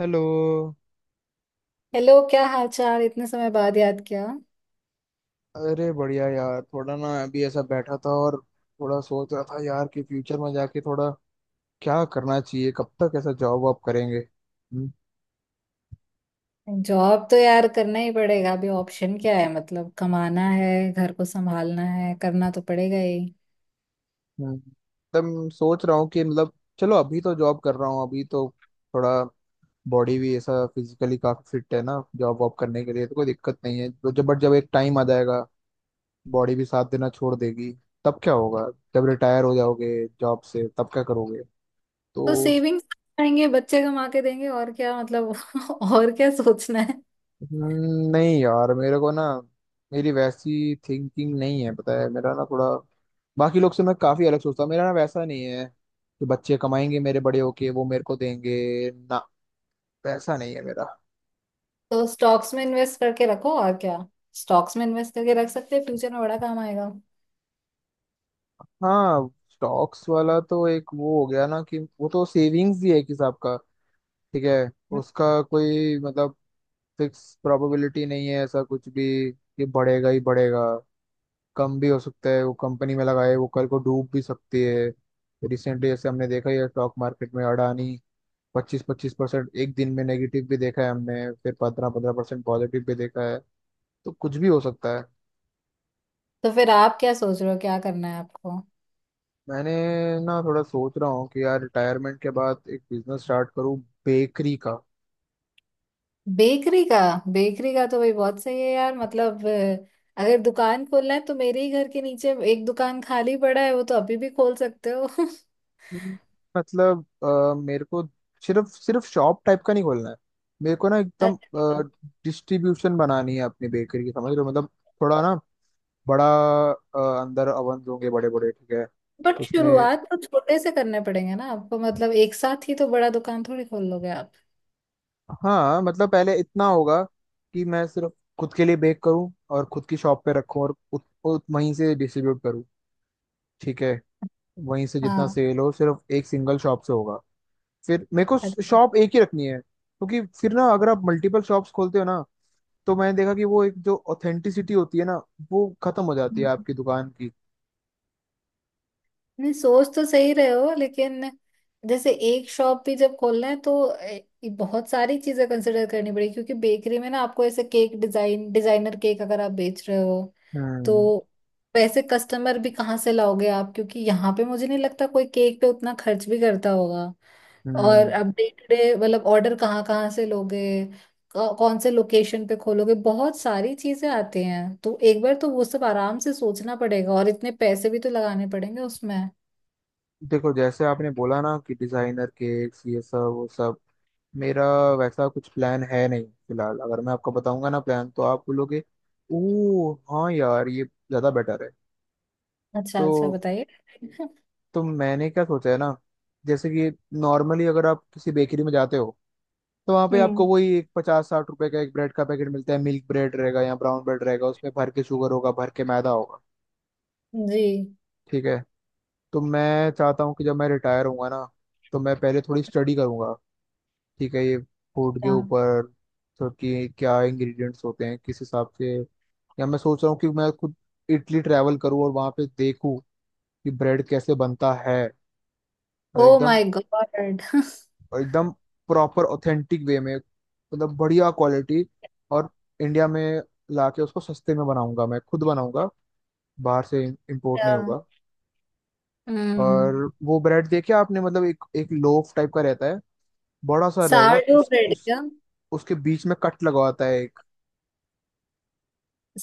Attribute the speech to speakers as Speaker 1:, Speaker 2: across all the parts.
Speaker 1: Hello.
Speaker 2: Hello. क्या हाल चाल, इतने समय बाद याद किया।
Speaker 1: अरे बढ़िया यार, थोड़ा ना अभी ऐसा बैठा था और थोड़ा सोच रहा था यार कि फ्यूचर में जाके थोड़ा क्या करना चाहिए। कब तक ऐसा जॉब वॉब करेंगे?
Speaker 2: जॉब तो यार करना ही पड़ेगा, अभी ऑप्शन क्या है? मतलब कमाना है, घर को संभालना है, करना तो पड़ेगा ही।
Speaker 1: एकदम सोच रहा हूँ कि मतलब चलो, अभी तो जॉब कर रहा हूँ। अभी तो थोड़ा बॉडी भी ऐसा फिजिकली काफी फिट है ना जॉब वॉब करने के लिए, तो कोई दिक्कत नहीं है। तो जब एक टाइम आ जाएगा, बॉडी भी साथ देना छोड़ देगी, तब क्या होगा? जब रिटायर हो जाओगे जॉब से, तब क्या करोगे?
Speaker 2: तो
Speaker 1: तो
Speaker 2: सेविंग्स आएंगे, बच्चे कमा के देंगे, और क्या मतलब। और क्या सोचना है।
Speaker 1: नहीं यार, मेरे को ना मेरी वैसी थिंकिंग नहीं है। पता है, मेरा ना थोड़ा बाकी लोग से मैं काफी अलग सोचता हूँ। मेरा ना वैसा नहीं है कि बच्चे कमाएंगे मेरे, बड़े होके वो मेरे को देंगे ना, वैसा नहीं है मेरा।
Speaker 2: तो स्टॉक्स में इन्वेस्ट करके रखो, और क्या। स्टॉक्स में इन्वेस्ट करके रख सकते हैं, फ्यूचर में बड़ा काम आएगा।
Speaker 1: हाँ, स्टॉक्स वाला तो एक वो हो गया ना कि वो तो सेविंग्स ही है एक हिसाब का। ठीक है, उसका कोई मतलब फिक्स प्रोबेबिलिटी नहीं है ऐसा कुछ भी कि बढ़ेगा ही बढ़ेगा। कम भी हो सकता है। वो कंपनी में लगाए, वो कल को डूब भी सकती है। रिसेंटली जैसे हमने देखा ही है स्टॉक मार्केट में, अडानी 25-25% एक दिन में नेगेटिव भी देखा है हमने। फिर 15-15% पॉजिटिव भी देखा है। तो कुछ भी हो सकता है।
Speaker 2: तो फिर आप क्या सोच रहे हो, क्या करना है आपको?
Speaker 1: मैंने ना थोड़ा सोच रहा हूँ कि यार रिटायरमेंट के बाद एक बिजनेस स्टार्ट करूँ, बेकरी का।
Speaker 2: बेकरी का? बेकरी का तो भाई बहुत सही है यार। मतलब अगर दुकान खोलना है तो मेरे ही घर के नीचे एक दुकान खाली पड़ा है, वो तो अभी भी खोल सकते हो।
Speaker 1: हम्म, मतलब मेरे को सिर्फ सिर्फ शॉप टाइप का नहीं खोलना है। मेरे को ना एकदम
Speaker 2: अच्छा।
Speaker 1: डिस्ट्रीब्यूशन बनानी है अपनी बेकरी की, समझ रहे हो मतलब? थोड़ा ना बड़ा, अंदर ओवन होंगे बड़े बड़े, ठीक है?
Speaker 2: बट
Speaker 1: उसमें
Speaker 2: शुरुआत तो छोटे से करने पड़ेंगे ना आपको, मतलब एक साथ ही तो बड़ा दुकान थोड़ी खोल लोगे आप।
Speaker 1: हाँ मतलब पहले इतना होगा कि मैं सिर्फ खुद के लिए बेक करूं और खुद की शॉप पे रखूं और उत, उत, वहीं से डिस्ट्रीब्यूट करूं। ठीक है, वहीं से जितना
Speaker 2: हाँ।
Speaker 1: सेल हो सिर्फ एक सिंगल शॉप से होगा। फिर मेरे को
Speaker 2: अच्छा।
Speaker 1: शॉप एक ही रखनी है क्योंकि फिर ना अगर आप मल्टीपल शॉप्स खोलते हो ना, तो मैंने देखा कि वो एक जो ऑथेंटिसिटी होती है ना, वो खत्म हो जाती है आपकी दुकान की।
Speaker 2: नहीं, सोच तो सही रहे हो, लेकिन जैसे एक शॉप भी जब खोलना है तो ए, बहुत सारी चीजें कंसिडर करनी पड़ेगी। क्योंकि बेकरी में ना आपको ऐसे केक डिजाइन, डिजाइनर केक अगर आप बेच रहे हो,
Speaker 1: हम्म
Speaker 2: तो वैसे कस्टमर भी कहाँ से लाओगे आप? क्योंकि यहाँ पे मुझे नहीं लगता कोई केक पे उतना खर्च भी करता होगा। और
Speaker 1: हम्म।
Speaker 2: अब डे टू डे मतलब ऑर्डर कहाँ कहाँ से लोगे? क- कौन से लोकेशन पे खोलोगे? बहुत सारी चीजें आती हैं, तो एक बार तो वो सब आराम से सोचना पड़ेगा, और इतने पैसे भी तो लगाने पड़ेंगे उसमें।
Speaker 1: देखो, जैसे आपने बोला ना कि डिजाइनर केक्स ये सब वो सब, मेरा वैसा कुछ प्लान है नहीं फिलहाल। अगर मैं आपको बताऊंगा ना प्लान, तो आप बोलोगे, ओ हाँ यार, ये ज्यादा बेटर है।
Speaker 2: अच्छा अच्छा,
Speaker 1: तो
Speaker 2: बताइए।
Speaker 1: तो मैंने क्या सोचा है ना, जैसे कि नॉर्मली अगर आप किसी बेकरी में जाते हो, तो वहाँ पे आपको
Speaker 2: हम्म।
Speaker 1: वही एक 50-60 रुपए का एक ब्रेड का पैकेट मिलता है। मिल्क ब्रेड रहेगा या ब्राउन ब्रेड रहेगा, उसमें भर के शुगर होगा, भर के मैदा होगा।
Speaker 2: जी।
Speaker 1: ठीक है, तो मैं चाहता हूँ कि जब मैं रिटायर होऊंगा ना, तो मैं पहले थोड़ी स्टडी करूंगा, ठीक है? ये फूड के
Speaker 2: हाँ।
Speaker 1: ऊपर। तो कि क्या इंग्रेडिएंट्स होते हैं किस हिसाब से। या मैं सोच रहा हूँ कि मैं खुद इटली ट्रैवल करूँ और वहाँ पे देखूँ कि ब्रेड कैसे बनता है। और
Speaker 2: ओ
Speaker 1: एकदम
Speaker 2: माय गॉड।
Speaker 1: एकदम प्रॉपर ऑथेंटिक वे में, मतलब बढ़िया क्वालिटी। और इंडिया में लाके उसको सस्ते में बनाऊंगा। मैं खुद बनाऊंगा, बाहर से इम्पोर्ट
Speaker 2: क्या?
Speaker 1: नहीं होगा। और
Speaker 2: हम्म।
Speaker 1: वो ब्रेड देखिए आपने, मतलब एक एक लोफ टाइप का रहता है, बड़ा सा रहेगा
Speaker 2: सावरडो ब्रेड
Speaker 1: उस
Speaker 2: क्या?
Speaker 1: उसके बीच में कट लगवाता है।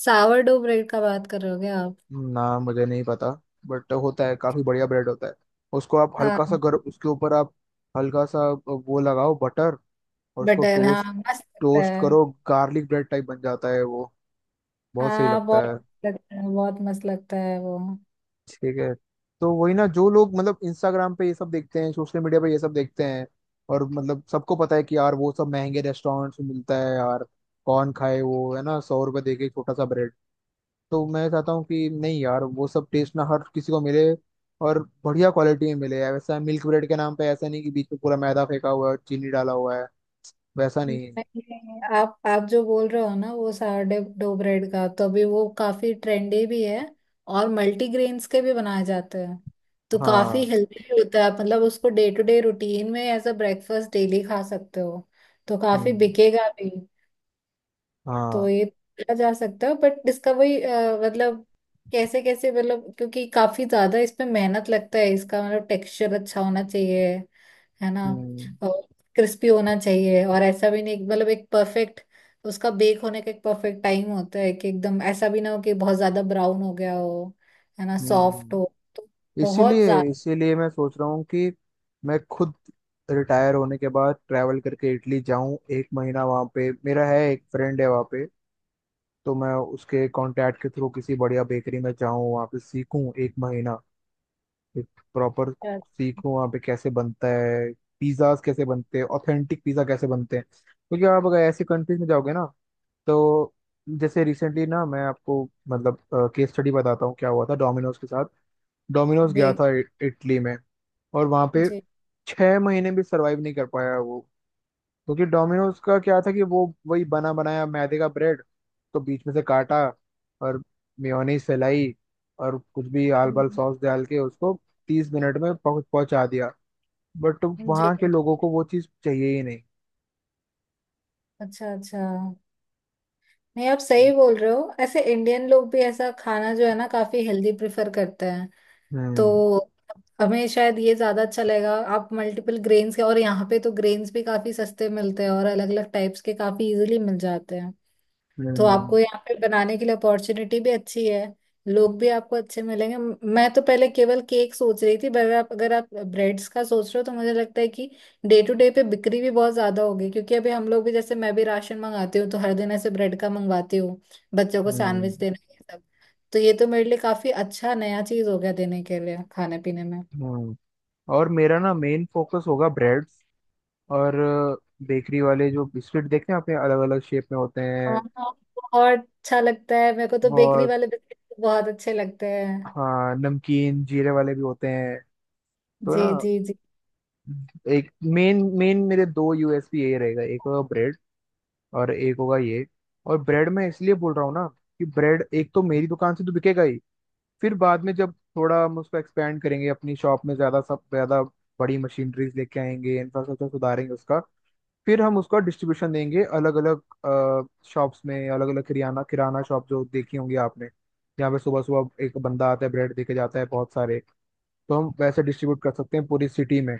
Speaker 2: सावरडो ब्रेड का बात कर रहे हो क्या आप?
Speaker 1: ना मुझे नहीं पता, बट होता है काफी बढ़िया ब्रेड होता है। उसको आप हल्का सा
Speaker 2: हाँ।
Speaker 1: गर्म, उसके ऊपर आप हल्का सा वो लगाओ बटर, और उसको
Speaker 2: बटर हाँ,
Speaker 1: टोस्ट,
Speaker 2: मस्त लगता
Speaker 1: टोस्ट करो,
Speaker 2: है।
Speaker 1: गार्लिक ब्रेड टाइप बन जाता है वो। बहुत सही
Speaker 2: हाँ
Speaker 1: लगता
Speaker 2: बहुत।
Speaker 1: है।
Speaker 2: मस्त लगता है, बहुत मस्त लगता है वो।
Speaker 1: ठीक है, तो वही ना जो लोग मतलब इंस्टाग्राम पे ये सब देखते हैं, सोशल मीडिया पे ये सब देखते हैं, और मतलब सबको पता है कि यार वो सब महंगे रेस्टोरेंट्स में मिलता है यार, कौन खाए वो है ना, 100 रुपए दे के एक छोटा सा ब्रेड। तो मैं चाहता हूँ कि नहीं यार, वो सब टेस्ट ना हर किसी को मिले और बढ़िया क्वालिटी में मिले यार। वैसा मिल्क ब्रेड के नाम पे ऐसा नहीं कि बीच में पूरा मैदा फेंका हुआ है और चीनी डाला हुआ है। वैसा नहीं है।
Speaker 2: नहीं, आप जो बोल रहे हो ना, वो सारडे डो ब्रेड का तो अभी वो काफी ट्रेंडी भी है। और मल्टीग्रेन्स के भी बनाए जाते हैं। तो काफी
Speaker 1: हाँ।
Speaker 2: हेल्दी भी होता है, मतलब उसको डे टू डे रूटीन में एज अ ब्रेकफास्ट डेली खा सकते हो। तो काफी
Speaker 1: हम्म।
Speaker 2: बिकेगा भी।
Speaker 1: हाँ।
Speaker 2: तो ये किया जा सकता है, बट इसका वही मतलब कैसे कैसे मतलब, क्योंकि काफी ज्यादा इस पे मेहनत लगता है। इसका मतलब टेक्सचर अच्छा होना चाहिए, है ना।
Speaker 1: हम्म
Speaker 2: और क्रिस्पी होना चाहिए, और ऐसा भी नहीं मतलब एक परफेक्ट। उसका बेक होने का एक परफेक्ट टाइम होता है, कि एकदम ऐसा भी ना हो कि बहुत ज्यादा ब्राउन हो गया हो। है ना, सॉफ्ट हो
Speaker 1: हम्म।
Speaker 2: तो बहुत
Speaker 1: इसीलिए
Speaker 2: ज्यादा।
Speaker 1: इसीलिए मैं सोच रहा हूँ कि मैं खुद रिटायर होने के बाद ट्रैवल करके इटली जाऊं, एक महीना वहाँ पे। मेरा है एक फ्रेंड है वहाँ पे, तो मैं उसके कांटेक्ट के थ्रू किसी बढ़िया बेकरी में जाऊं, वहाँ पे सीखूं एक महीना, एक प्रॉपर सीखो वहाँ पे कैसे बनता है, पिज्ज़ाज कैसे बनते हैं, ऑथेंटिक पिज़्ज़ा कैसे बनते हैं, क्योंकि आप अगर ऐसी कंट्रीज में जाओगे ना। तो जैसे रिसेंटली ना, मैं आपको मतलब केस स्टडी बताता हूँ क्या हुआ था डोमिनोज के साथ। डोमिनोज गया
Speaker 2: जी
Speaker 1: था इटली में, और वहाँ पे
Speaker 2: जी।
Speaker 1: 6 महीने भी सरवाइव नहीं कर पाया वो, क्योंकि डोमिनोज का क्या था कि वो वही बना बनाया मैदे का ब्रेड, तो बीच में से काटा और मेयोनीज फैलाई और कुछ भी आल बाल
Speaker 2: हम्म,
Speaker 1: सॉस डाल के उसको 30 मिनट में पहुंचा दिया। बट
Speaker 2: जी।
Speaker 1: वहाँ के लोगों को वो चीज़ चाहिए ही नहीं।
Speaker 2: अच्छा अच्छा। नहीं, आप सही बोल रहे हो, ऐसे इंडियन लोग भी ऐसा खाना जो है ना काफी हेल्दी प्रेफर करते हैं। तो
Speaker 1: हम्म
Speaker 2: हमें शायद ये ज्यादा अच्छा लगेगा। आप मल्टीपल ग्रेन्स के, और यहाँ पे तो ग्रेन्स भी काफी सस्ते मिलते हैं, और अलग अलग टाइप्स के काफी इजीली मिल जाते हैं। तो
Speaker 1: हम्म
Speaker 2: आपको यहाँ पे बनाने के लिए अपॉर्चुनिटी भी अच्छी है। लोग भी आपको अच्छे मिलेंगे। म- मैं तो पहले केवल केक सोच रही थी, पर आप अगर आप ब्रेड्स का सोच रहे हो, तो मुझे लगता है कि डे टू डे पे बिक्री भी बहुत ज्यादा होगी। क्योंकि अभी हम लोग भी, जैसे मैं भी राशन मंगाती हूँ, तो हर दिन ऐसे ब्रेड का मंगवाती हूँ। बच्चों को
Speaker 1: हम्म।
Speaker 2: सैंडविच देना ये सब। तो ये तो मेरे लिए काफी अच्छा नया चीज हो गया देने के लिए खाने पीने में।
Speaker 1: हम्म। और मेरा ना मेन फोकस होगा ब्रेड्स, और बेकरी वाले जो बिस्किट देखते हैं अपने अलग अलग शेप में होते हैं।
Speaker 2: हाँ हाँ, बहुत अच्छा लगता है मेरे को तो। बेकरी
Speaker 1: बहुत।
Speaker 2: वाले बिस्किट बहुत अच्छे लगते हैं।
Speaker 1: हाँ, नमकीन जीरे वाले भी होते हैं। तो
Speaker 2: जी
Speaker 1: ना
Speaker 2: जी जी।
Speaker 1: एक, मेन मेन मेरे दो यूएसपी यही रहेगा, एक होगा ब्रेड और एक होगा ये। और ब्रेड मैं इसलिए बोल रहा हूँ ना कि ब्रेड एक तो मेरी दुकान से तो बिकेगा ही, फिर बाद में जब थोड़ा हम उसको एक्सपेंड करेंगे अपनी शॉप में ज्यादा, सब ज्यादा बड़ी मशीनरीज लेके आएंगे, इंफ्रास्ट्रक्चर सुधारेंगे उसका, फिर हम उसका डिस्ट्रीब्यूशन देंगे अलग अलग शॉप्स में, अलग अलग किराना किराना शॉप जो देखी होंगी आपने, जहाँ पे सुबह सुबह एक बंदा आता है ब्रेड देके जाता है बहुत सारे, तो हम वैसे डिस्ट्रीब्यूट कर सकते हैं पूरी सिटी में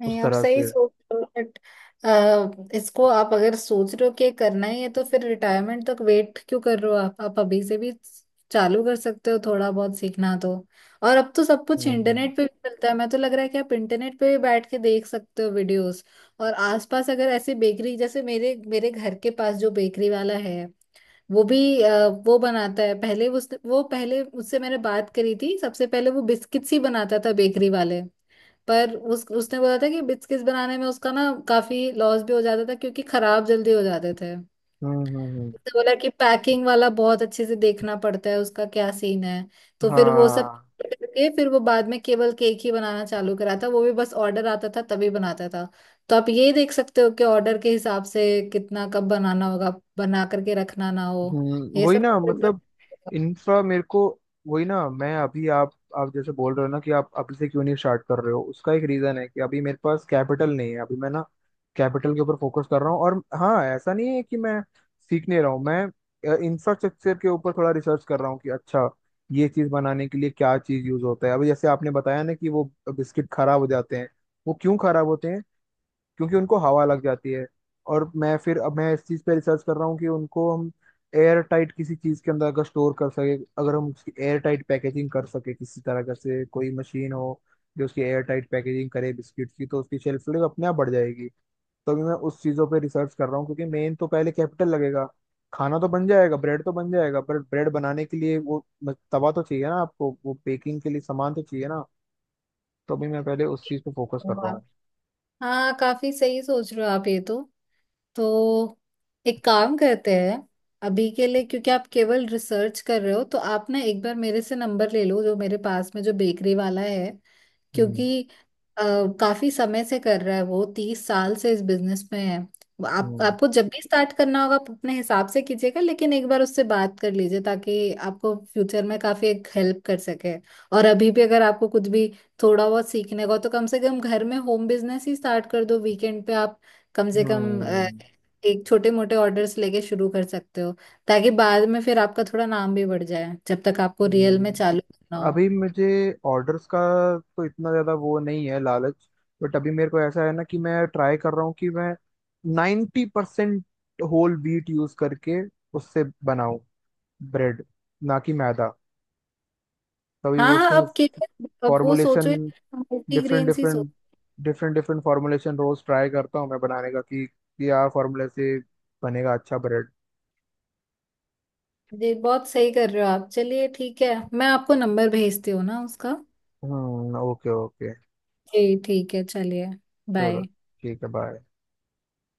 Speaker 2: नहीं,
Speaker 1: उस
Speaker 2: आप
Speaker 1: तरह
Speaker 2: सही
Speaker 1: से।
Speaker 2: सोच रहे हो, बट इसको आप अगर सोच रहे हो कि करना ही है, तो फिर रिटायरमेंट तक वेट क्यों कर रहे हो? आप अभी से भी चालू कर सकते हो, थोड़ा बहुत सीखना तो। और अब तो सब कुछ
Speaker 1: हम्म,
Speaker 2: इंटरनेट पे भी मिलता है। मैं तो लग रहा है कि आप इंटरनेट पे भी बैठ के देख सकते हो वीडियोस। और आसपास अगर ऐसी बेकरी, जैसे मेरे मेरे घर के पास जो बेकरी वाला है, वो भी वो बनाता है, पहले उस वो पहले उससे मैंने बात करी थी, सबसे पहले वो बिस्किट्स ही बनाता था, बेकरी वाले। पर उस उसने बोला था कि बिस्किट्स बनाने में उसका ना काफी लॉस भी हो जाता था, क्योंकि खराब जल्दी हो जाते थे।
Speaker 1: हम्म हम्म हम्म,
Speaker 2: तो बोला कि पैकिंग वाला बहुत अच्छे से देखना पड़ता है, उसका क्या सीन है। तो फिर वो सब
Speaker 1: हाँ
Speaker 2: करके फिर वो बाद में केवल केक ही बनाना चालू करा था, वो भी बस ऑर्डर आता था तभी बनाता था। तो आप ये देख सकते हो कि ऑर्डर के हिसाब से कितना कब बनाना होगा, बना करके रखना ना हो।
Speaker 1: हम्म।
Speaker 2: ये
Speaker 1: वही
Speaker 2: सब
Speaker 1: ना
Speaker 2: आप एक
Speaker 1: मतलब इंफ्रा मेरे को वही ना मैं अभी आप जैसे बोल रहे हो ना कि आप अभी से क्यों नहीं स्टार्ट कर रहे हो, उसका एक रीजन है कि अभी मेरे पास कैपिटल नहीं है। अभी मैं ना कैपिटल के ऊपर फोकस कर रहा हूँ। और हाँ, ऐसा नहीं है कि मैं सीख नहीं रहा हूँ। मैं इंफ्रास्ट्रक्चर के ऊपर थोड़ा रिसर्च कर रहा हूँ कि अच्छा, ये चीज बनाने के लिए क्या चीज यूज होता है। अभी जैसे आपने बताया ना कि वो बिस्किट खराब हो जाते हैं, वो क्यों खराब होते हैं क्योंकि उनको हवा लग जाती है। और मैं फिर अब मैं इस चीज़ पे रिसर्च कर रहा हूँ कि उनको हम एयर टाइट किसी चीज़ के अंदर अगर स्टोर कर सके, अगर हम उसकी एयर टाइट पैकेजिंग कर सके किसी तरह का से, कोई मशीन हो जो उसकी एयर टाइट पैकेजिंग करे बिस्किट की, तो उसकी शेल्फ लाइफ अपने आप बढ़ जाएगी। तो अभी मैं उस चीज़ों पे रिसर्च कर रहा हूँ क्योंकि मेन तो पहले कैपिटल लगेगा। खाना तो बन जाएगा, ब्रेड तो बन जाएगा, पर ब्रेड बनाने के लिए वो तवा तो चाहिए ना आपको, वो बेकिंग के लिए सामान तो चाहिए ना। तो अभी मैं पहले उस चीज़ पे फोकस कर रहा
Speaker 2: बार-
Speaker 1: हूँ।
Speaker 2: हाँ काफी सही सोच रहे हो आप ये तो। तो एक काम करते हैं, अभी के लिए क्योंकि आप केवल रिसर्च कर रहे हो, तो आप ना एक बार मेरे से नंबर ले लो, जो मेरे पास में जो बेकरी वाला है।
Speaker 1: हम्म
Speaker 2: क्योंकि अ, काफी समय से कर रहा है वो, 30 साल से इस बिजनेस में है। वो आप
Speaker 1: हम्म
Speaker 2: आपको जब भी स्टार्ट करना होगा आप अपने हिसाब से कीजिएगा, लेकिन एक बार उससे बात कर लीजिए, ताकि आपको फ्यूचर में काफी एक हेल्प कर सके। और अभी भी अगर आपको कुछ भी थोड़ा बहुत सीखने को, तो कम से कम घर में होम बिजनेस ही स्टार्ट कर दो, वीकेंड पे आप। कम से कम
Speaker 1: हम्म।
Speaker 2: एक छोटे मोटे ऑर्डर्स लेके शुरू कर सकते हो, ताकि बाद में फिर आपका थोड़ा नाम भी बढ़ जाए, जब तक आपको रियल में
Speaker 1: हम्म,
Speaker 2: चालू करना हो।
Speaker 1: अभी मुझे ऑर्डर्स का तो इतना ज़्यादा वो नहीं है लालच। बट अभी मेरे को ऐसा है ना कि मैं ट्राई कर रहा हूँ कि मैं 90% होल व्हीट यूज़ करके उससे बनाऊँ ब्रेड, ना कि मैदा, तभी वो
Speaker 2: हाँ हाँ।
Speaker 1: उसमें
Speaker 2: अब के अब वो
Speaker 1: फॉर्मुलेशन
Speaker 2: सोचो,
Speaker 1: डिफरेंट
Speaker 2: मल्टीग्रेन ही सोचो।
Speaker 1: डिफरेंट डिफरेंट डिफरेंट फॉर्मुलेशन रोज़ ट्राई करता हूँ मैं बनाने का कि यार फॉर्मूले से बनेगा अच्छा ब्रेड।
Speaker 2: जी, बहुत सही कर रहे हो आप। चलिए ठीक है, मैं आपको नंबर भेजती हूँ ना उसका।
Speaker 1: हम्म, ओके ओके,
Speaker 2: जी ठीक है, चलिए।
Speaker 1: चलो
Speaker 2: बाय।
Speaker 1: ठीक है, बाय।